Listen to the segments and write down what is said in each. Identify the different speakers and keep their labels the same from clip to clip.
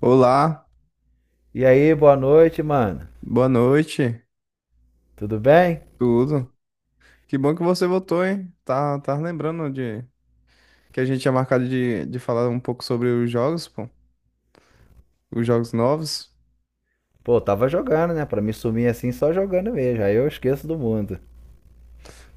Speaker 1: Olá,
Speaker 2: E aí, boa noite, mano.
Speaker 1: boa noite,
Speaker 2: Tudo bem?
Speaker 1: tudo? Que bom que você voltou, hein? Tá, tá lembrando de que a gente tinha marcado de falar um pouco sobre os jogos, pô, os jogos novos.
Speaker 2: Pô, tava jogando, né? Pra me sumir assim, só jogando mesmo. Aí eu esqueço do mundo.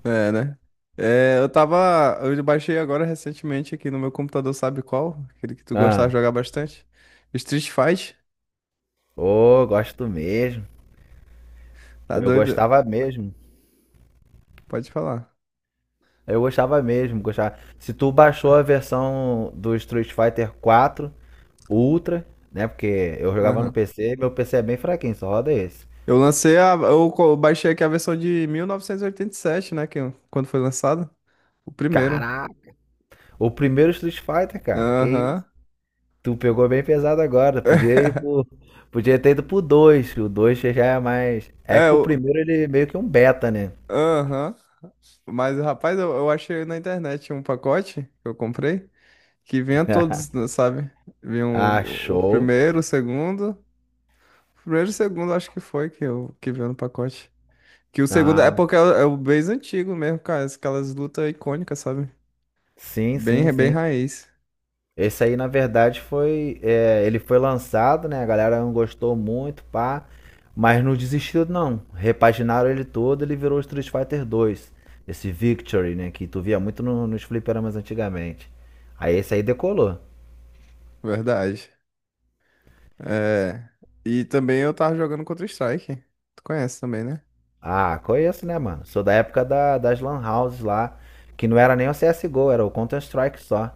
Speaker 1: É, né? É, eu baixei agora recentemente aqui no meu computador, sabe qual? Aquele que tu gostava de
Speaker 2: Ah,
Speaker 1: jogar bastante. Street Fight,
Speaker 2: ô, gosto mesmo.
Speaker 1: tá
Speaker 2: Eu
Speaker 1: doido?
Speaker 2: gostava mesmo.
Speaker 1: Pode falar.
Speaker 2: Eu gostava mesmo, gostava. Se tu baixou a versão do Street Fighter 4 Ultra, né? Porque eu jogava no
Speaker 1: Aham.
Speaker 2: PC, meu PC é bem fraquinho, só roda esse.
Speaker 1: Eu lancei a, eu co- Baixei aqui a versão de 1987, né, que quando foi lançado, o primeiro.
Speaker 2: Caraca, o primeiro Street Fighter, cara. Que
Speaker 1: Aham.
Speaker 2: isso? Tu pegou bem pesado agora. Podia ter ido pro 2. O 2 já é mais. É
Speaker 1: É,
Speaker 2: que o
Speaker 1: o,
Speaker 2: primeiro ele é meio que um beta, né?
Speaker 1: Aham. Mas, rapaz, eu achei na internet um pacote que eu comprei que vinha todos, né, sabe? Vinha
Speaker 2: Ah,
Speaker 1: o
Speaker 2: show.
Speaker 1: primeiro, o segundo. O primeiro e o segundo, acho que foi que veio no pacote. Que o segundo é
Speaker 2: Ah,
Speaker 1: porque é o base antigo mesmo, cara. Aquelas lutas icônicas, sabe?
Speaker 2: sim, sim,
Speaker 1: Bem, bem
Speaker 2: sim.
Speaker 1: raiz.
Speaker 2: Esse aí, na verdade, foi. É, ele foi lançado, né? A galera não gostou muito, pá. Mas não desistiu, não. Repaginaram ele todo, ele virou Street Fighter 2, esse Victory, né? Que tu via muito nos fliperamas antigamente. Aí esse aí decolou.
Speaker 1: Verdade. É. E também eu tava jogando Counter-Strike. Tu conhece também, né?
Speaker 2: Ah, conheço, né, mano? Sou da época das Lan Houses lá, que não era nem o CSGO, era o Counter-Strike só.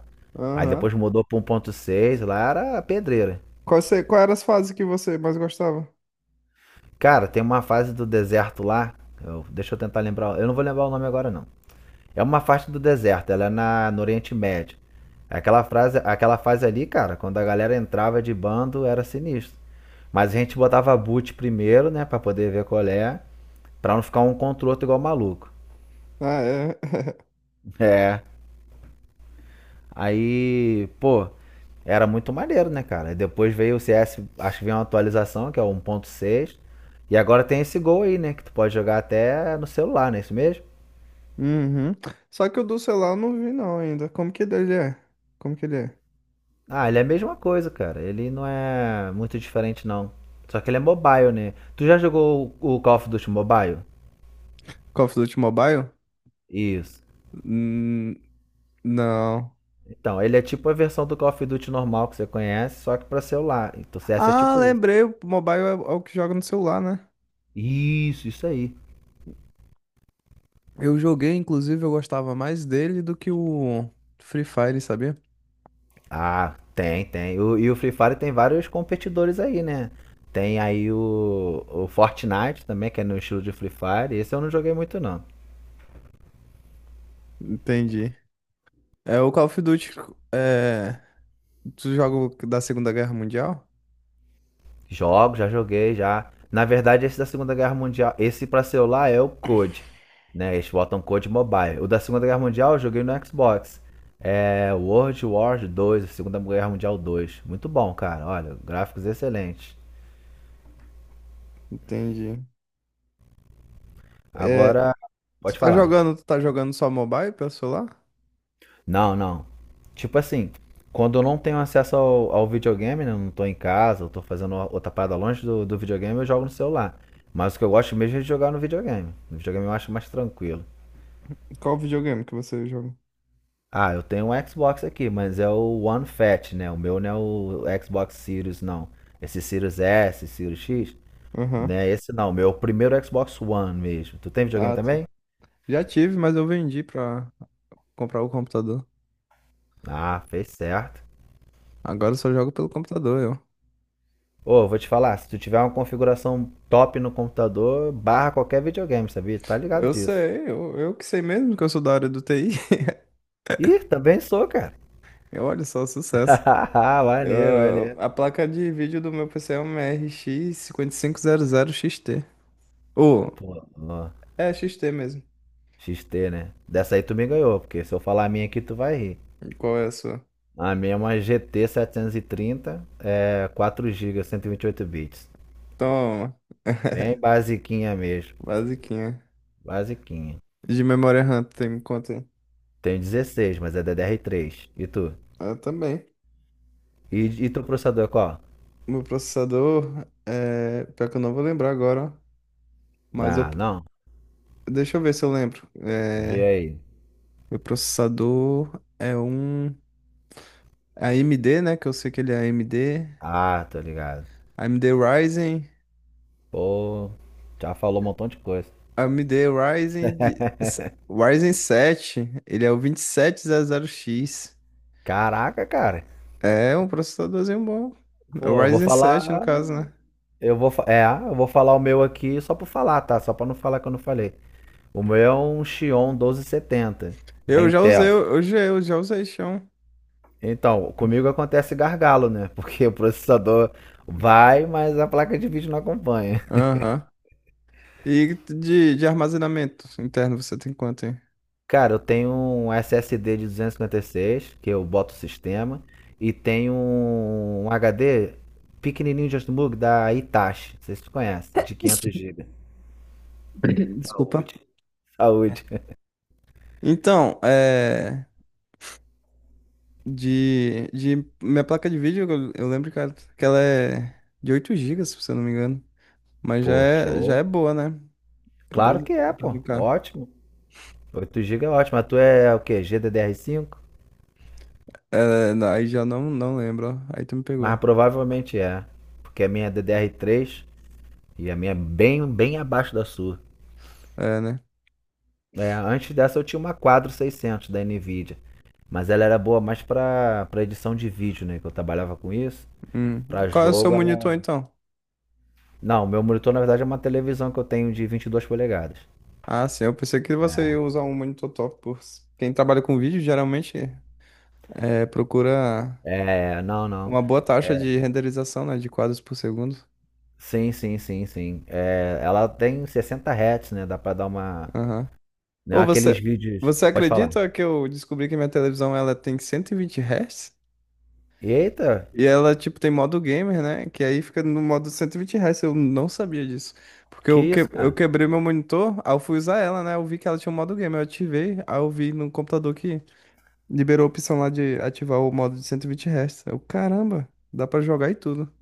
Speaker 2: Aí depois
Speaker 1: Aham.
Speaker 2: mudou pra 1.6, lá era pedreira.
Speaker 1: Qual era as fases que você mais gostava?
Speaker 2: Cara, tem uma fase do deserto lá, deixa eu tentar lembrar, eu não vou lembrar o nome agora não. É uma fase do deserto, ela é no Oriente Médio. Aquela fase ali, cara, quando a galera entrava de bando, era sinistro. Mas a gente botava boot primeiro, né, pra poder ver qual é, pra não ficar um contra o outro igual maluco.
Speaker 1: Ah, é.
Speaker 2: É. Aí, pô, era muito maneiro, né, cara? Depois veio o CS, acho que veio uma atualização, que é o 1.6. E agora tem esse gol aí, né? Que tu pode jogar até no celular, não é isso mesmo?
Speaker 1: Uhum. Só que o do celular eu não vi não ainda. Como que ele é? Como que ele é?
Speaker 2: Ah, ele é a mesma coisa, cara. Ele não é muito diferente, não. Só que ele é mobile, né? Tu já jogou o Call of Duty Mobile?
Speaker 1: Call of Duty Mobile?
Speaker 2: Isso.
Speaker 1: Hum, não.
Speaker 2: Então, ele é tipo a versão do Call of Duty normal que você conhece, só que pra celular. Então, o CS é
Speaker 1: Ah,
Speaker 2: tipo isso.
Speaker 1: lembrei. O mobile é o que joga no celular, né?
Speaker 2: Isso aí.
Speaker 1: Eu joguei, inclusive, eu gostava mais dele do que o Free Fire, sabia?
Speaker 2: Ah, tem, tem. E o Free Fire tem vários competidores aí, né? Tem aí o Fortnite também, que é no estilo de Free Fire. Esse eu não joguei muito, não.
Speaker 1: Entendi. É o Call of Duty. É... Tu joga o da Segunda Guerra Mundial?
Speaker 2: Jogo, já joguei, já. Na verdade, esse da Segunda Guerra Mundial, esse pra celular é o COD, né? Eles botam COD Mobile. O da Segunda Guerra Mundial eu joguei no Xbox. É World War 2, Segunda Guerra Mundial 2. Muito bom, cara. Olha, gráficos excelentes.
Speaker 1: Entendi. É...
Speaker 2: Agora,
Speaker 1: Tu
Speaker 2: pode
Speaker 1: tá
Speaker 2: falar.
Speaker 1: jogando, tu tá jogando só mobile pelo celular?
Speaker 2: Não, não. Tipo assim, quando eu não tenho acesso ao videogame, né, eu não tô em casa, eu tô fazendo outra parada longe do videogame, eu jogo no celular. Mas o que eu gosto mesmo é de jogar no videogame. No videogame eu acho mais tranquilo.
Speaker 1: Qual videogame que você joga?
Speaker 2: Ah, eu tenho um Xbox aqui, mas é o One Fat, né? O meu não é o Xbox Series, não. Esse Series S, Series X,
Speaker 1: Aham.
Speaker 2: né? Esse não, o meu é o primeiro Xbox One mesmo. Tu tem videogame
Speaker 1: Ah,
Speaker 2: também?
Speaker 1: já tive, mas eu vendi pra comprar o computador.
Speaker 2: Ah, fez certo.
Speaker 1: Agora eu só jogo pelo computador, eu.
Speaker 2: Ô, vou te falar, se tu tiver uma configuração top no computador, barra qualquer videogame, sabia? Tá ligado
Speaker 1: Eu
Speaker 2: disso.
Speaker 1: sei, eu que sei mesmo que eu sou da área do TI.
Speaker 2: Ih, também sou, cara.
Speaker 1: Eu olho só, sucesso.
Speaker 2: Maneiro,
Speaker 1: Eu-
Speaker 2: maneiro.
Speaker 1: a placa de vídeo do meu PC é uma RX 5500XT. Ou,
Speaker 2: Pô, ó,
Speaker 1: é XT mesmo.
Speaker 2: XT, né? Dessa aí tu me ganhou, porque se eu falar a minha aqui, tu vai rir.
Speaker 1: E qual é a sua?
Speaker 2: A minha é uma GT 730, é 4 gigas, 128 bits.
Speaker 1: Toma,
Speaker 2: Bem basiquinha mesmo,
Speaker 1: basiquinha.
Speaker 2: basiquinha.
Speaker 1: De memória RAM, tem me conta aí.
Speaker 2: Tenho 16, mas é DDR3. E tu?
Speaker 1: Eu também.
Speaker 2: E teu processador é qual?
Speaker 1: Meu processador, pior que eu não vou lembrar agora, ó. mas eu...
Speaker 2: Ah, não?
Speaker 1: Deixa eu ver se eu lembro.
Speaker 2: Vê aí.
Speaker 1: Meu processador é um a AMD, né? Que eu sei que ele é AMD.
Speaker 2: Ah, tô ligado.
Speaker 1: AMD Ryzen.
Speaker 2: Pô, já falou um montão de coisa.
Speaker 1: AMD Ryzen, Ryzen 7. Ele é o 2700X.
Speaker 2: Caraca, cara.
Speaker 1: É um processadorzinho bom. É o
Speaker 2: Pô, eu vou
Speaker 1: Ryzen
Speaker 2: falar.
Speaker 1: 7, no caso, né?
Speaker 2: Eu vou falar o meu aqui só por falar, tá? Só pra não falar que eu não falei. O meu é um Xeon 1270 da
Speaker 1: Eu já usei,
Speaker 2: Intel.
Speaker 1: eu já usei, chão.
Speaker 2: Então, comigo acontece gargalo, né? Porque o processador vai, mas a placa de vídeo não acompanha.
Speaker 1: Aham. E de armazenamento interno, você tem quanto aí?
Speaker 2: Cara, eu tenho um SSD de 256, que eu boto o sistema, e tenho um HD pequenininho de notebook da Hitachi, não sei se tu conhece, de 500 GB.
Speaker 1: Desculpa.
Speaker 2: Saúde, saúde.
Speaker 1: Então, é. De minha placa de vídeo, eu lembro que ela é de 8 gigas se eu não me engano. Mas já
Speaker 2: Pô,
Speaker 1: é, já
Speaker 2: show.
Speaker 1: é boa, né? É boa,
Speaker 2: Claro que é,
Speaker 1: dá pra
Speaker 2: pô,
Speaker 1: brincar.
Speaker 2: ótimo. 8 GB é ótimo. A tua é o quê? GDDR5?
Speaker 1: É, não, aí já não lembro, ó. Aí tu me
Speaker 2: Mas
Speaker 1: pegou.
Speaker 2: provavelmente é, porque a minha é DDR3 e a minha é bem, bem abaixo da sua.
Speaker 1: É, né?
Speaker 2: É, antes dessa eu tinha uma Quadro 600 da Nvidia. Mas ela era boa mais para edição de vídeo, né? Que eu trabalhava com isso.
Speaker 1: Hum. E
Speaker 2: Para
Speaker 1: qual é o seu
Speaker 2: jogo, ela.
Speaker 1: monitor, então?
Speaker 2: Não, meu monitor na verdade é uma televisão que eu tenho de 22 polegadas.
Speaker 1: Ah, sim, eu pensei que você ia usar um monitor top. Quem trabalha com vídeo geralmente procura
Speaker 2: É, não, não.
Speaker 1: uma boa taxa de renderização, né? De quadros por segundo.
Speaker 2: Sim, sim, sim, sim. É, ela tem 60 Hz, né? Dá pra dar uma.
Speaker 1: Aham.
Speaker 2: Não é
Speaker 1: Ou
Speaker 2: aqueles
Speaker 1: você,
Speaker 2: vídeos.
Speaker 1: você
Speaker 2: Pode falar.
Speaker 1: acredita que eu descobri que minha televisão ela tem 120 Hz?
Speaker 2: Eita,
Speaker 1: E ela, tipo, tem modo gamer, né? Que aí fica no modo 120 Hz. Eu não sabia disso. Porque
Speaker 2: que isso,
Speaker 1: eu
Speaker 2: cara?
Speaker 1: quebrei meu monitor, aí eu fui usar ela, né? Eu vi que ela tinha um modo gamer. Eu ativei, aí eu vi no computador que liberou a opção lá de ativar o modo de 120 Hz. Eu, caramba, dá pra jogar e tudo.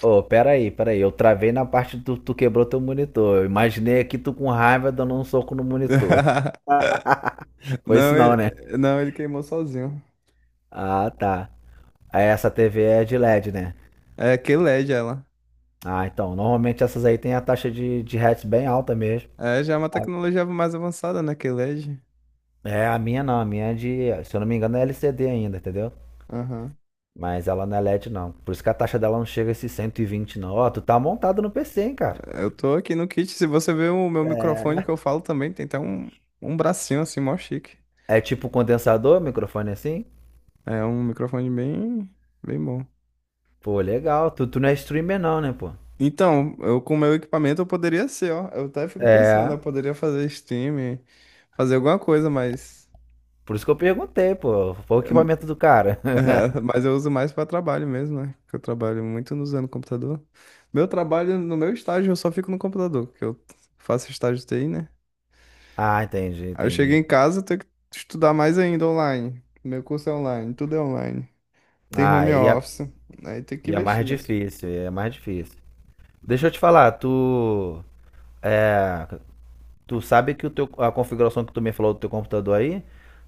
Speaker 2: Ô, peraí, peraí. Eu travei na parte do tu quebrou teu monitor. Eu imaginei aqui tu com raiva dando um soco no monitor. Foi isso
Speaker 1: Não,
Speaker 2: não,
Speaker 1: ele...
Speaker 2: né?
Speaker 1: não, ele queimou sozinho.
Speaker 2: Ah, tá. Aí essa TV é de LED, né?
Speaker 1: É, QLED ela.
Speaker 2: Ah, então. Normalmente essas aí tem a taxa de hertz bem alta mesmo.
Speaker 1: É, já é uma tecnologia mais avançada, né? QLED.
Speaker 2: É, a minha não. A minha é de. Se eu não me engano, é LCD ainda, entendeu?
Speaker 1: Aham.
Speaker 2: Mas ela não é LED, não. Por isso que a taxa dela não chega a esses 120 não. Ó, tu tá montado no PC, hein, cara?
Speaker 1: Eu tô aqui no kit. Se você ver o meu microfone que
Speaker 2: É
Speaker 1: eu falo também, tem até um bracinho assim, mó chique.
Speaker 2: é tipo um condensador, microfone assim?
Speaker 1: É um microfone bem, bem bom.
Speaker 2: Pô, legal. Tu não é streamer, não, né, pô?
Speaker 1: Então, eu com o meu equipamento eu poderia ser, ó. Eu até fico pensando,
Speaker 2: É.
Speaker 1: eu poderia fazer stream, fazer alguma coisa, mas.
Speaker 2: Por isso que eu perguntei, pô. Foi o equipamento do cara.
Speaker 1: É, mas eu uso mais pra trabalho mesmo, né? Que eu trabalho muito usando computador. Meu trabalho, no meu estágio, eu só fico no computador, que eu faço estágio TI, né?
Speaker 2: Ah, entendi,
Speaker 1: Aí eu chego
Speaker 2: entendi.
Speaker 1: em casa, eu tenho que estudar mais ainda online. Meu curso é online, tudo é online. Tem
Speaker 2: Ah,
Speaker 1: home office. Aí tem que
Speaker 2: e é
Speaker 1: investir
Speaker 2: mais
Speaker 1: mesmo.
Speaker 2: difícil, e é mais difícil. Deixa eu te falar, tu. É, tu sabe que a configuração que tu me falou do teu computador aí,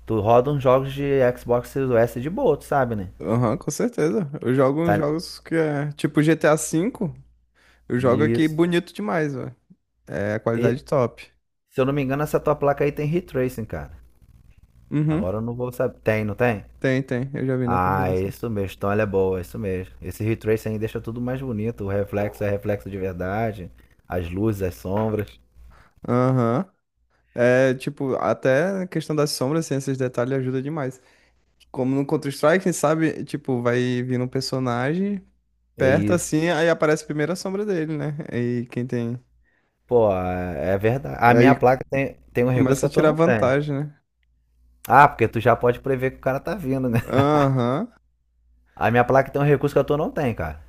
Speaker 2: tu roda uns jogos de Xbox Series S de boa, tu sabe, né?
Speaker 1: Aham, com certeza. Eu jogo
Speaker 2: Tá,
Speaker 1: uns jogos que é tipo GTA V. Eu jogo aqui
Speaker 2: isso.
Speaker 1: bonito demais, velho. É
Speaker 2: E,
Speaker 1: qualidade top.
Speaker 2: se eu não me engano, essa tua placa aí tem ray tracing, cara.
Speaker 1: Uhum.
Speaker 2: Agora eu não vou saber. Tem, não tem?
Speaker 1: Tem, tem. Eu já vi na
Speaker 2: Ah, é
Speaker 1: configuração.
Speaker 2: isso mesmo. Então ela é boa, é isso mesmo. Esse ray tracing aí deixa tudo mais bonito. O reflexo é reflexo de verdade. As luzes, as sombras.
Speaker 1: Aham. É, tipo, até a questão das sombras, assim, esses detalhes ajuda demais. Como no Counter-Strike, quem sabe, tipo, vai vindo um personagem
Speaker 2: É
Speaker 1: perto
Speaker 2: isso.
Speaker 1: assim, aí aparece a primeira sombra dele, né? Aí quem tem.
Speaker 2: Pô, é verdade. A minha
Speaker 1: Aí
Speaker 2: placa tem um recurso
Speaker 1: começa
Speaker 2: que
Speaker 1: a
Speaker 2: a tua
Speaker 1: tirar
Speaker 2: não tem.
Speaker 1: vantagem, né?
Speaker 2: Ah, porque tu já pode prever que o cara tá vindo, né?
Speaker 1: Aham.
Speaker 2: A minha placa tem um recurso que a tua não tem, cara.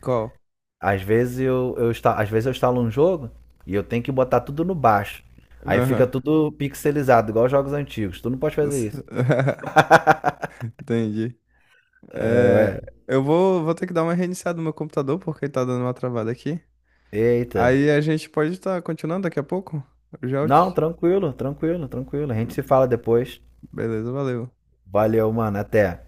Speaker 1: Qual?
Speaker 2: Às vezes eu instalo um jogo e eu tenho que botar tudo no baixo. Aí
Speaker 1: Aham.
Speaker 2: fica tudo pixelizado, igual jogos antigos. Tu não pode fazer isso.
Speaker 1: Entendi.
Speaker 2: Eu,
Speaker 1: É,
Speaker 2: é,
Speaker 1: eu vou ter que dar uma reiniciada no meu computador porque tá dando uma travada aqui.
Speaker 2: Eita.
Speaker 1: Aí a gente pode estar continuando daqui a pouco? Eu já
Speaker 2: Não,
Speaker 1: te...
Speaker 2: tranquilo, tranquilo, tranquilo. A gente se fala depois.
Speaker 1: Beleza, valeu.
Speaker 2: Valeu, mano. Até.